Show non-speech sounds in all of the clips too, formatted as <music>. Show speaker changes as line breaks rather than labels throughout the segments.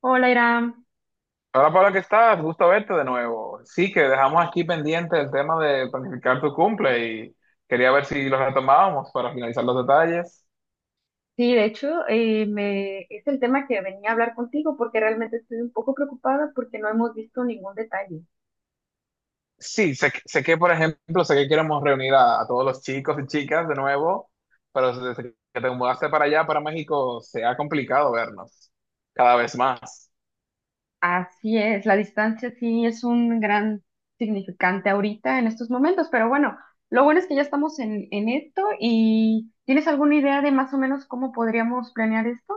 Hola, Iram.
Hola Pablo, ¿qué estás? Gusto verte de nuevo. Sí, que dejamos aquí pendiente el tema de planificar tu cumple y quería ver si lo retomábamos para finalizar los detalles.
Sí, de hecho, es el tema que venía a hablar contigo porque realmente estoy un poco preocupada porque no hemos visto ningún detalle.
Sí, sé que, por ejemplo, sé que queremos reunir a, todos los chicos y chicas de nuevo, pero desde que te mudaste para allá, para México, se ha complicado vernos cada vez más.
Así es, la distancia sí es un gran significante ahorita en estos momentos, pero bueno, lo bueno es que ya estamos en esto y ¿tienes alguna idea de más o menos cómo podríamos planear esto?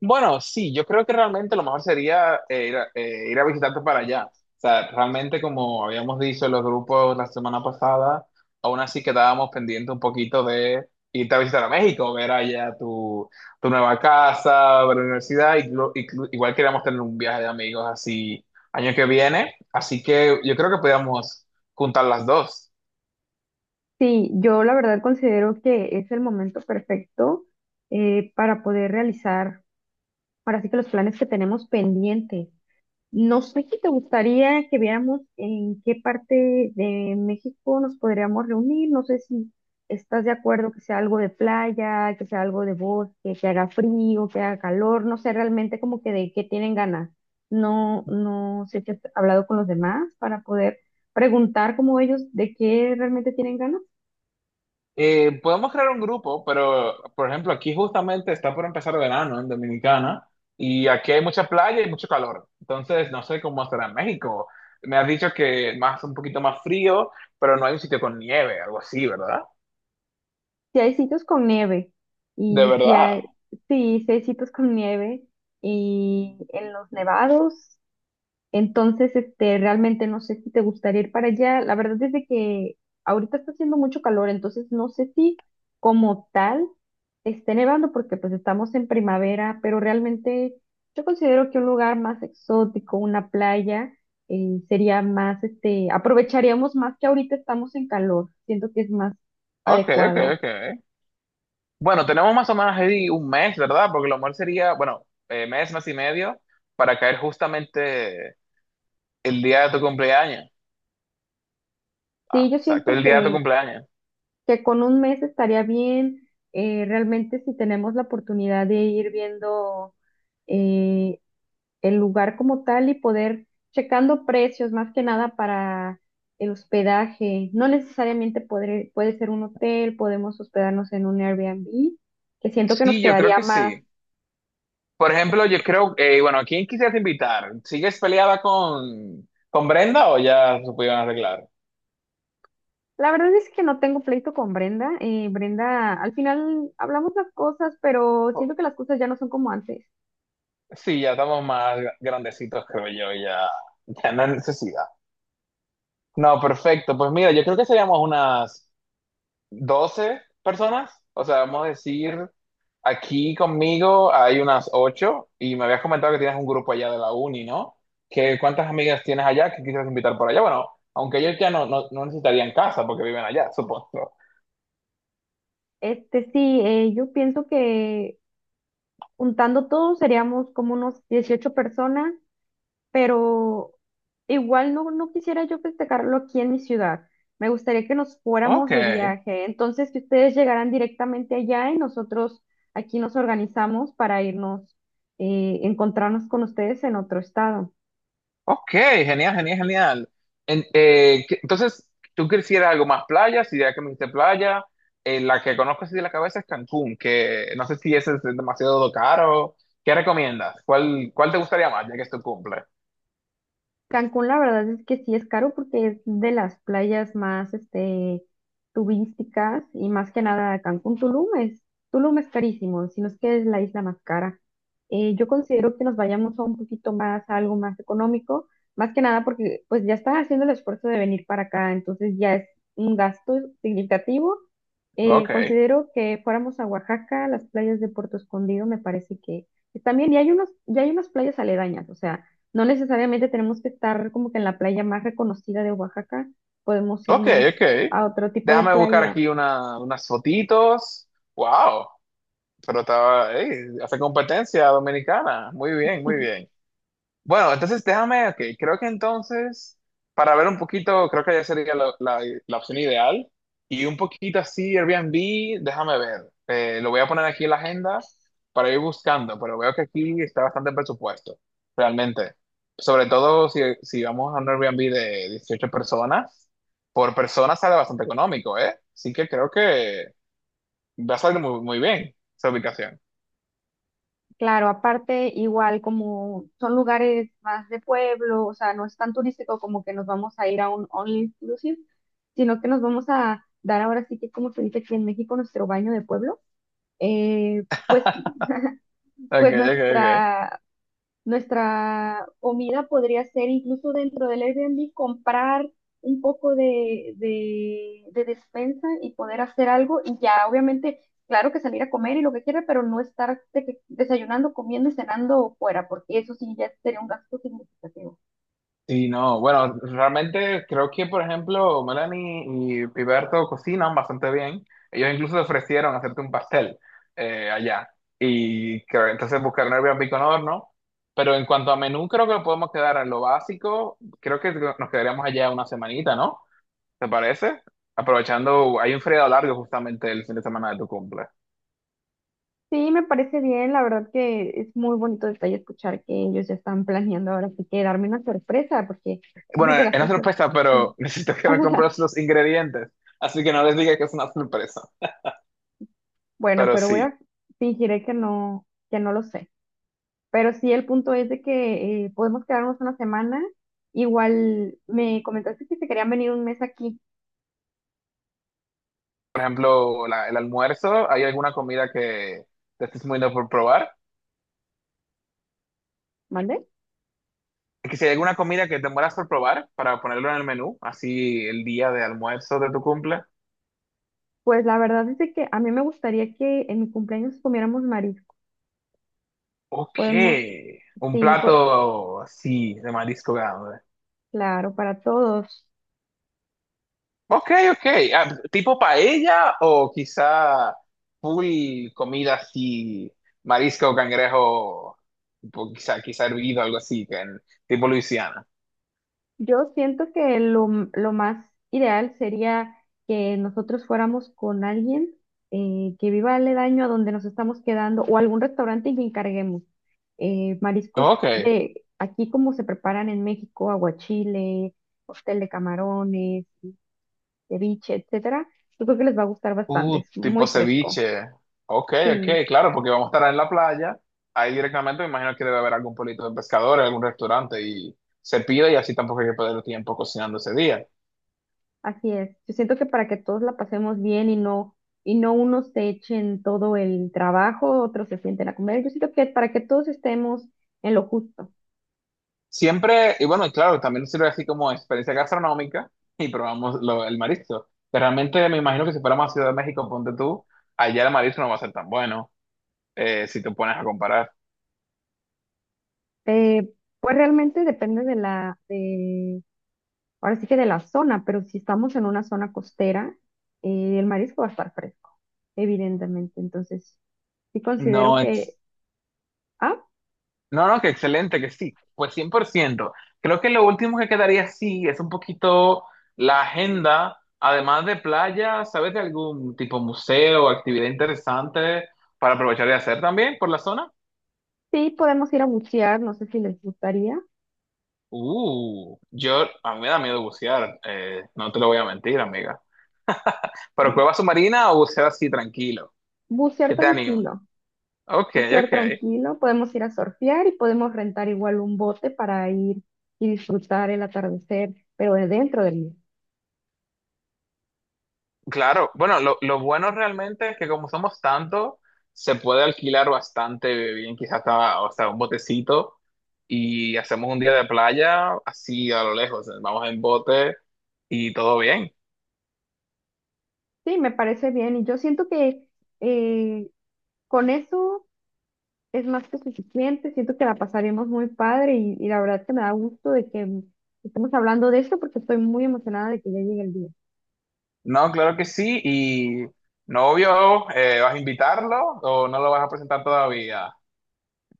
Bueno, sí, yo creo que realmente lo mejor sería ir a, visitarte para allá. O sea, realmente como habíamos dicho en los grupos la semana pasada, aún así quedábamos pendientes un poquito de irte a visitar a México, ver allá tu nueva casa, ver la universidad, y igual queríamos tener un viaje de amigos así año que viene, así que yo creo que podíamos juntar las dos.
Sí, yo la verdad considero que es el momento perfecto para poder realizar ahora sí que los planes que tenemos pendientes. No sé si te gustaría que viéramos en qué parte de México nos podríamos reunir. No sé si estás de acuerdo que sea algo de playa, que sea algo de bosque, que haga frío, que haga calor. No sé realmente como que de qué tienen ganas. No, no sé si has hablado con los demás para poder preguntar como ellos de qué realmente tienen ganas.
Podemos crear un grupo, pero por ejemplo, aquí justamente está por empezar verano en Dominicana y aquí hay mucha playa y mucho calor. Entonces, no sé cómo será en México. Me has dicho que más un poquito más frío, pero no hay un sitio con nieve, algo así, ¿verdad?
Si hay sitios con nieve
De
y si
verdad.
hay, sí, si hay sitios con nieve y en los nevados. Entonces, realmente no sé si te gustaría ir para allá. La verdad es de que ahorita está haciendo mucho calor, entonces no sé si como tal esté nevando porque pues estamos en primavera, pero realmente yo considero que un lugar más exótico, una playa, sería más, aprovecharíamos más que ahorita estamos en calor. Siento que es más
Ok, ok,
adecuado.
ok. Bueno, tenemos más o menos ahí un mes, ¿verdad? Porque lo mejor sería, bueno, mes, mes y medio, para caer justamente el día de tu cumpleaños.
Sí,
Ah,
yo
exacto,
siento
el día de tu
que
cumpleaños.
que con un mes estaría bien. Realmente si tenemos la oportunidad de ir viendo eh, el lugar como tal y poder checando precios más que nada para el hospedaje. No necesariamente puede ser un hotel, podemos hospedarnos en un Airbnb, que siento que nos
Sí, yo creo
quedaría
que
más.
sí. Por ejemplo, yo creo, bueno, ¿a quién quisieras invitar? ¿Sigues peleada con Brenda o ya se pudieron arreglar?
La verdad es que no tengo pleito con Brenda. Brenda, al final hablamos las cosas, pero
O-
siento que las cosas ya no son como antes.
Sí, ya estamos más grandecitos, creo yo, ya no hay necesidad. No, perfecto. Pues mira, yo creo que seríamos unas 12 personas. O sea, vamos a decir, aquí conmigo hay unas 8 y me habías comentado que tienes un grupo allá de la uni, ¿no? ¿Qué, cuántas amigas tienes allá que quisieras invitar por allá? Bueno, aunque ellos ya no necesitarían casa porque viven allá, supongo.
Sí, yo pienso que juntando todos seríamos como unos 18 personas, pero igual no, no quisiera yo festejarlo aquí en mi ciudad. Me gustaría que nos fuéramos
Ok.
de viaje, entonces que ustedes llegaran directamente allá y nosotros aquí nos organizamos para irnos, encontrarnos con ustedes en otro estado.
Ok, genial, genial, genial. Entonces, tú quisieras algo más playa, si ya que me dijiste playa, la que conozco así de la cabeza es Cancún, que no sé si ese es demasiado caro. ¿Qué recomiendas? ¿Cuál te gustaría más, ya que es tu cumple?
Cancún, la verdad es que sí es caro porque es de las playas más, turísticas y más que nada Cancún. Tulum es carísimo, sino es que es la isla más cara. Yo considero que nos vayamos a un poquito más, a algo más económico, más que nada porque pues ya estás haciendo el esfuerzo de venir para acá, entonces ya es un gasto significativo.
Ok,
Considero que fuéramos a Oaxaca, las playas de Puerto Escondido me parece que también, y ya hay unas playas aledañas, o sea. No necesariamente tenemos que estar como que en la playa más reconocida de Oaxaca, podemos
ok,
irnos
ok.
a otro tipo de
Déjame buscar
playa.
aquí unas fotitos. Wow, pero estaba, ey, hace competencia dominicana. Muy bien, muy
<laughs>
bien. Bueno, entonces déjame, ok, creo que entonces, para ver un poquito, creo que ya sería la opción ideal. Y un poquito así, Airbnb, déjame ver. Lo voy a poner aquí en la agenda para ir buscando, pero veo que aquí está bastante presupuesto, realmente. Sobre todo si vamos a un Airbnb de 18 personas, por persona sale bastante económico, ¿eh? Así que creo que va a salir muy, muy bien esa ubicación.
Claro, aparte, igual como son lugares más de pueblo, o sea, no es tan turístico como que nos vamos a ir a un all inclusive, sino que nos vamos a dar ahora sí que, como se dice aquí en México, nuestro baño de pueblo. Eh, pues, <laughs>
Ok,
pues
ok, ok.
nuestra Nuestra comida podría ser incluso dentro del Airbnb comprar un poco de despensa y poder hacer algo y ya obviamente, claro que salir a comer y lo que quiera, pero no estar desayunando, comiendo y cenando fuera, porque eso sí ya sería un gasto significativo.
Sí, no, bueno, realmente creo que, por ejemplo, Melanie y Piberto cocinan bastante bien. Ellos incluso ofrecieron hacerte un pastel allá. Y creo, entonces buscar un Airbnb con horno. Pero en cuanto a menú, creo que podemos quedar en lo básico. Creo que nos quedaríamos allá una semanita, ¿no? ¿Te parece? Aprovechando, hay un feriado largo justamente el fin de semana de tu cumple.
Sí, me parece bien, la verdad que es muy bonito detalle escuchar que ellos ya están planeando ahora sí que darme una sorpresa, porque yo
Bueno,
creo que
es
las
una
cosas,
sorpresa, pero
sí.
<laughs> necesito que me compres
<laughs>
los ingredientes. Así que no les diga que es una sorpresa.
Bueno,
Pero
pero voy
sí.
a fingiré que no lo sé. Pero sí, el punto es de que podemos quedarnos una semana. Igual me comentaste que se querían venir un mes aquí,
Por ejemplo, el almuerzo, ¿hay alguna comida que te estés muriendo por probar?
¿vale?
Que si hay alguna comida que te mueras por probar para ponerlo en el menú, así el día de almuerzo de tu cumple.
Pues la verdad es de que a mí me gustaría que en mi cumpleaños comiéramos marisco.
Ok,
Podemos,
un
sí,
plato, sí, de marisco grande.
claro, para todos.
Ok, ok. Ah, tipo paella o quizá full comida así, marisco, cangrejo, tipo, quizá hervido, algo así, que tipo Luisiana.
Yo siento que lo más ideal sería que nosotros fuéramos con alguien que viva aledaño a donde nos estamos quedando o algún restaurante y que encarguemos mariscos
Ok.
de aquí como se preparan en México: aguachile, cóctel de camarones, ceviche, etcétera. Yo creo que les va a gustar bastante, es
Tipo
muy fresco.
ceviche. Ok,
Sí.
ok, claro, porque vamos a estar en la playa. Ahí directamente me imagino que debe haber algún pueblito de pescadores, algún restaurante y se pide y así tampoco hay que perder tiempo cocinando ese día.
Así es. Yo siento que para que todos la pasemos bien, y no unos se echen todo el trabajo, otros se sienten a comer. Yo siento que para que todos estemos en lo justo.
Siempre, y bueno, y claro, también sirve así como experiencia gastronómica <laughs> y probamos el marisco. Pero realmente me imagino que si fuéramos a Ciudad de México, ponte tú, allá el marisco no va a ser tan bueno si te pones a comparar.
Eh, pues realmente depende ahora sí que de la zona, pero si estamos en una zona costera, el marisco va a estar fresco, evidentemente. Entonces, sí
No,
considero que, ah,
no, no, que excelente, que sí, pues 100%. Creo que lo último que quedaría sí es un poquito la agenda, además de playa, ¿sabes de algún tipo museo, o actividad interesante para aprovechar y hacer también por la zona?
sí podemos ir a bucear, no sé si les gustaría.
A mí me da miedo bucear, no te lo voy a mentir, amiga. Pero cueva
<laughs>
submarina o bucear así tranquilo,
Bucear
que te animo.
tranquilo.
Ok,
Bucear
ok.
tranquilo, podemos ir a surfear y podemos rentar igual un bote para ir y disfrutar el atardecer, pero de dentro del mar.
Claro, bueno, lo bueno realmente es que como somos tantos, se puede alquilar bastante bien, quizás hasta un botecito y hacemos un día de playa así a lo lejos, vamos en bote y todo bien.
Sí, me parece bien y yo siento que eh, con eso es más que suficiente, siento que la pasaremos muy padre y la verdad que me da gusto de que estemos hablando de esto porque estoy muy emocionada de que ya llegue el día.
No, claro que sí, y novio, ¿vas a invitarlo o no lo vas a presentar todavía?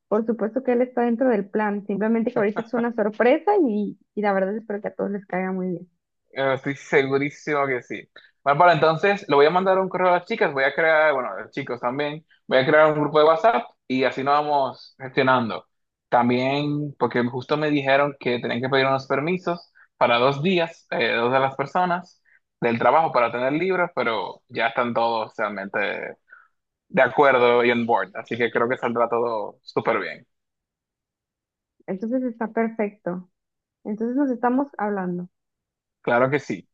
Por supuesto que él está dentro del plan, simplemente que ahorita es una sorpresa y la verdad espero que a todos les caiga muy bien.
Estoy segurísimo que sí. Bárbara, entonces le voy a mandar un correo a las chicas, voy a crear, bueno, a los chicos también, voy a crear un grupo de WhatsApp y así nos vamos gestionando. También, porque justo me dijeron que tenían que pedir unos permisos para 2 días, dos de las personas del trabajo para tener libros, pero ya están todos realmente de acuerdo y on board, así que creo que saldrá todo súper bien.
Entonces está perfecto. Entonces nos estamos hablando.
Claro que sí.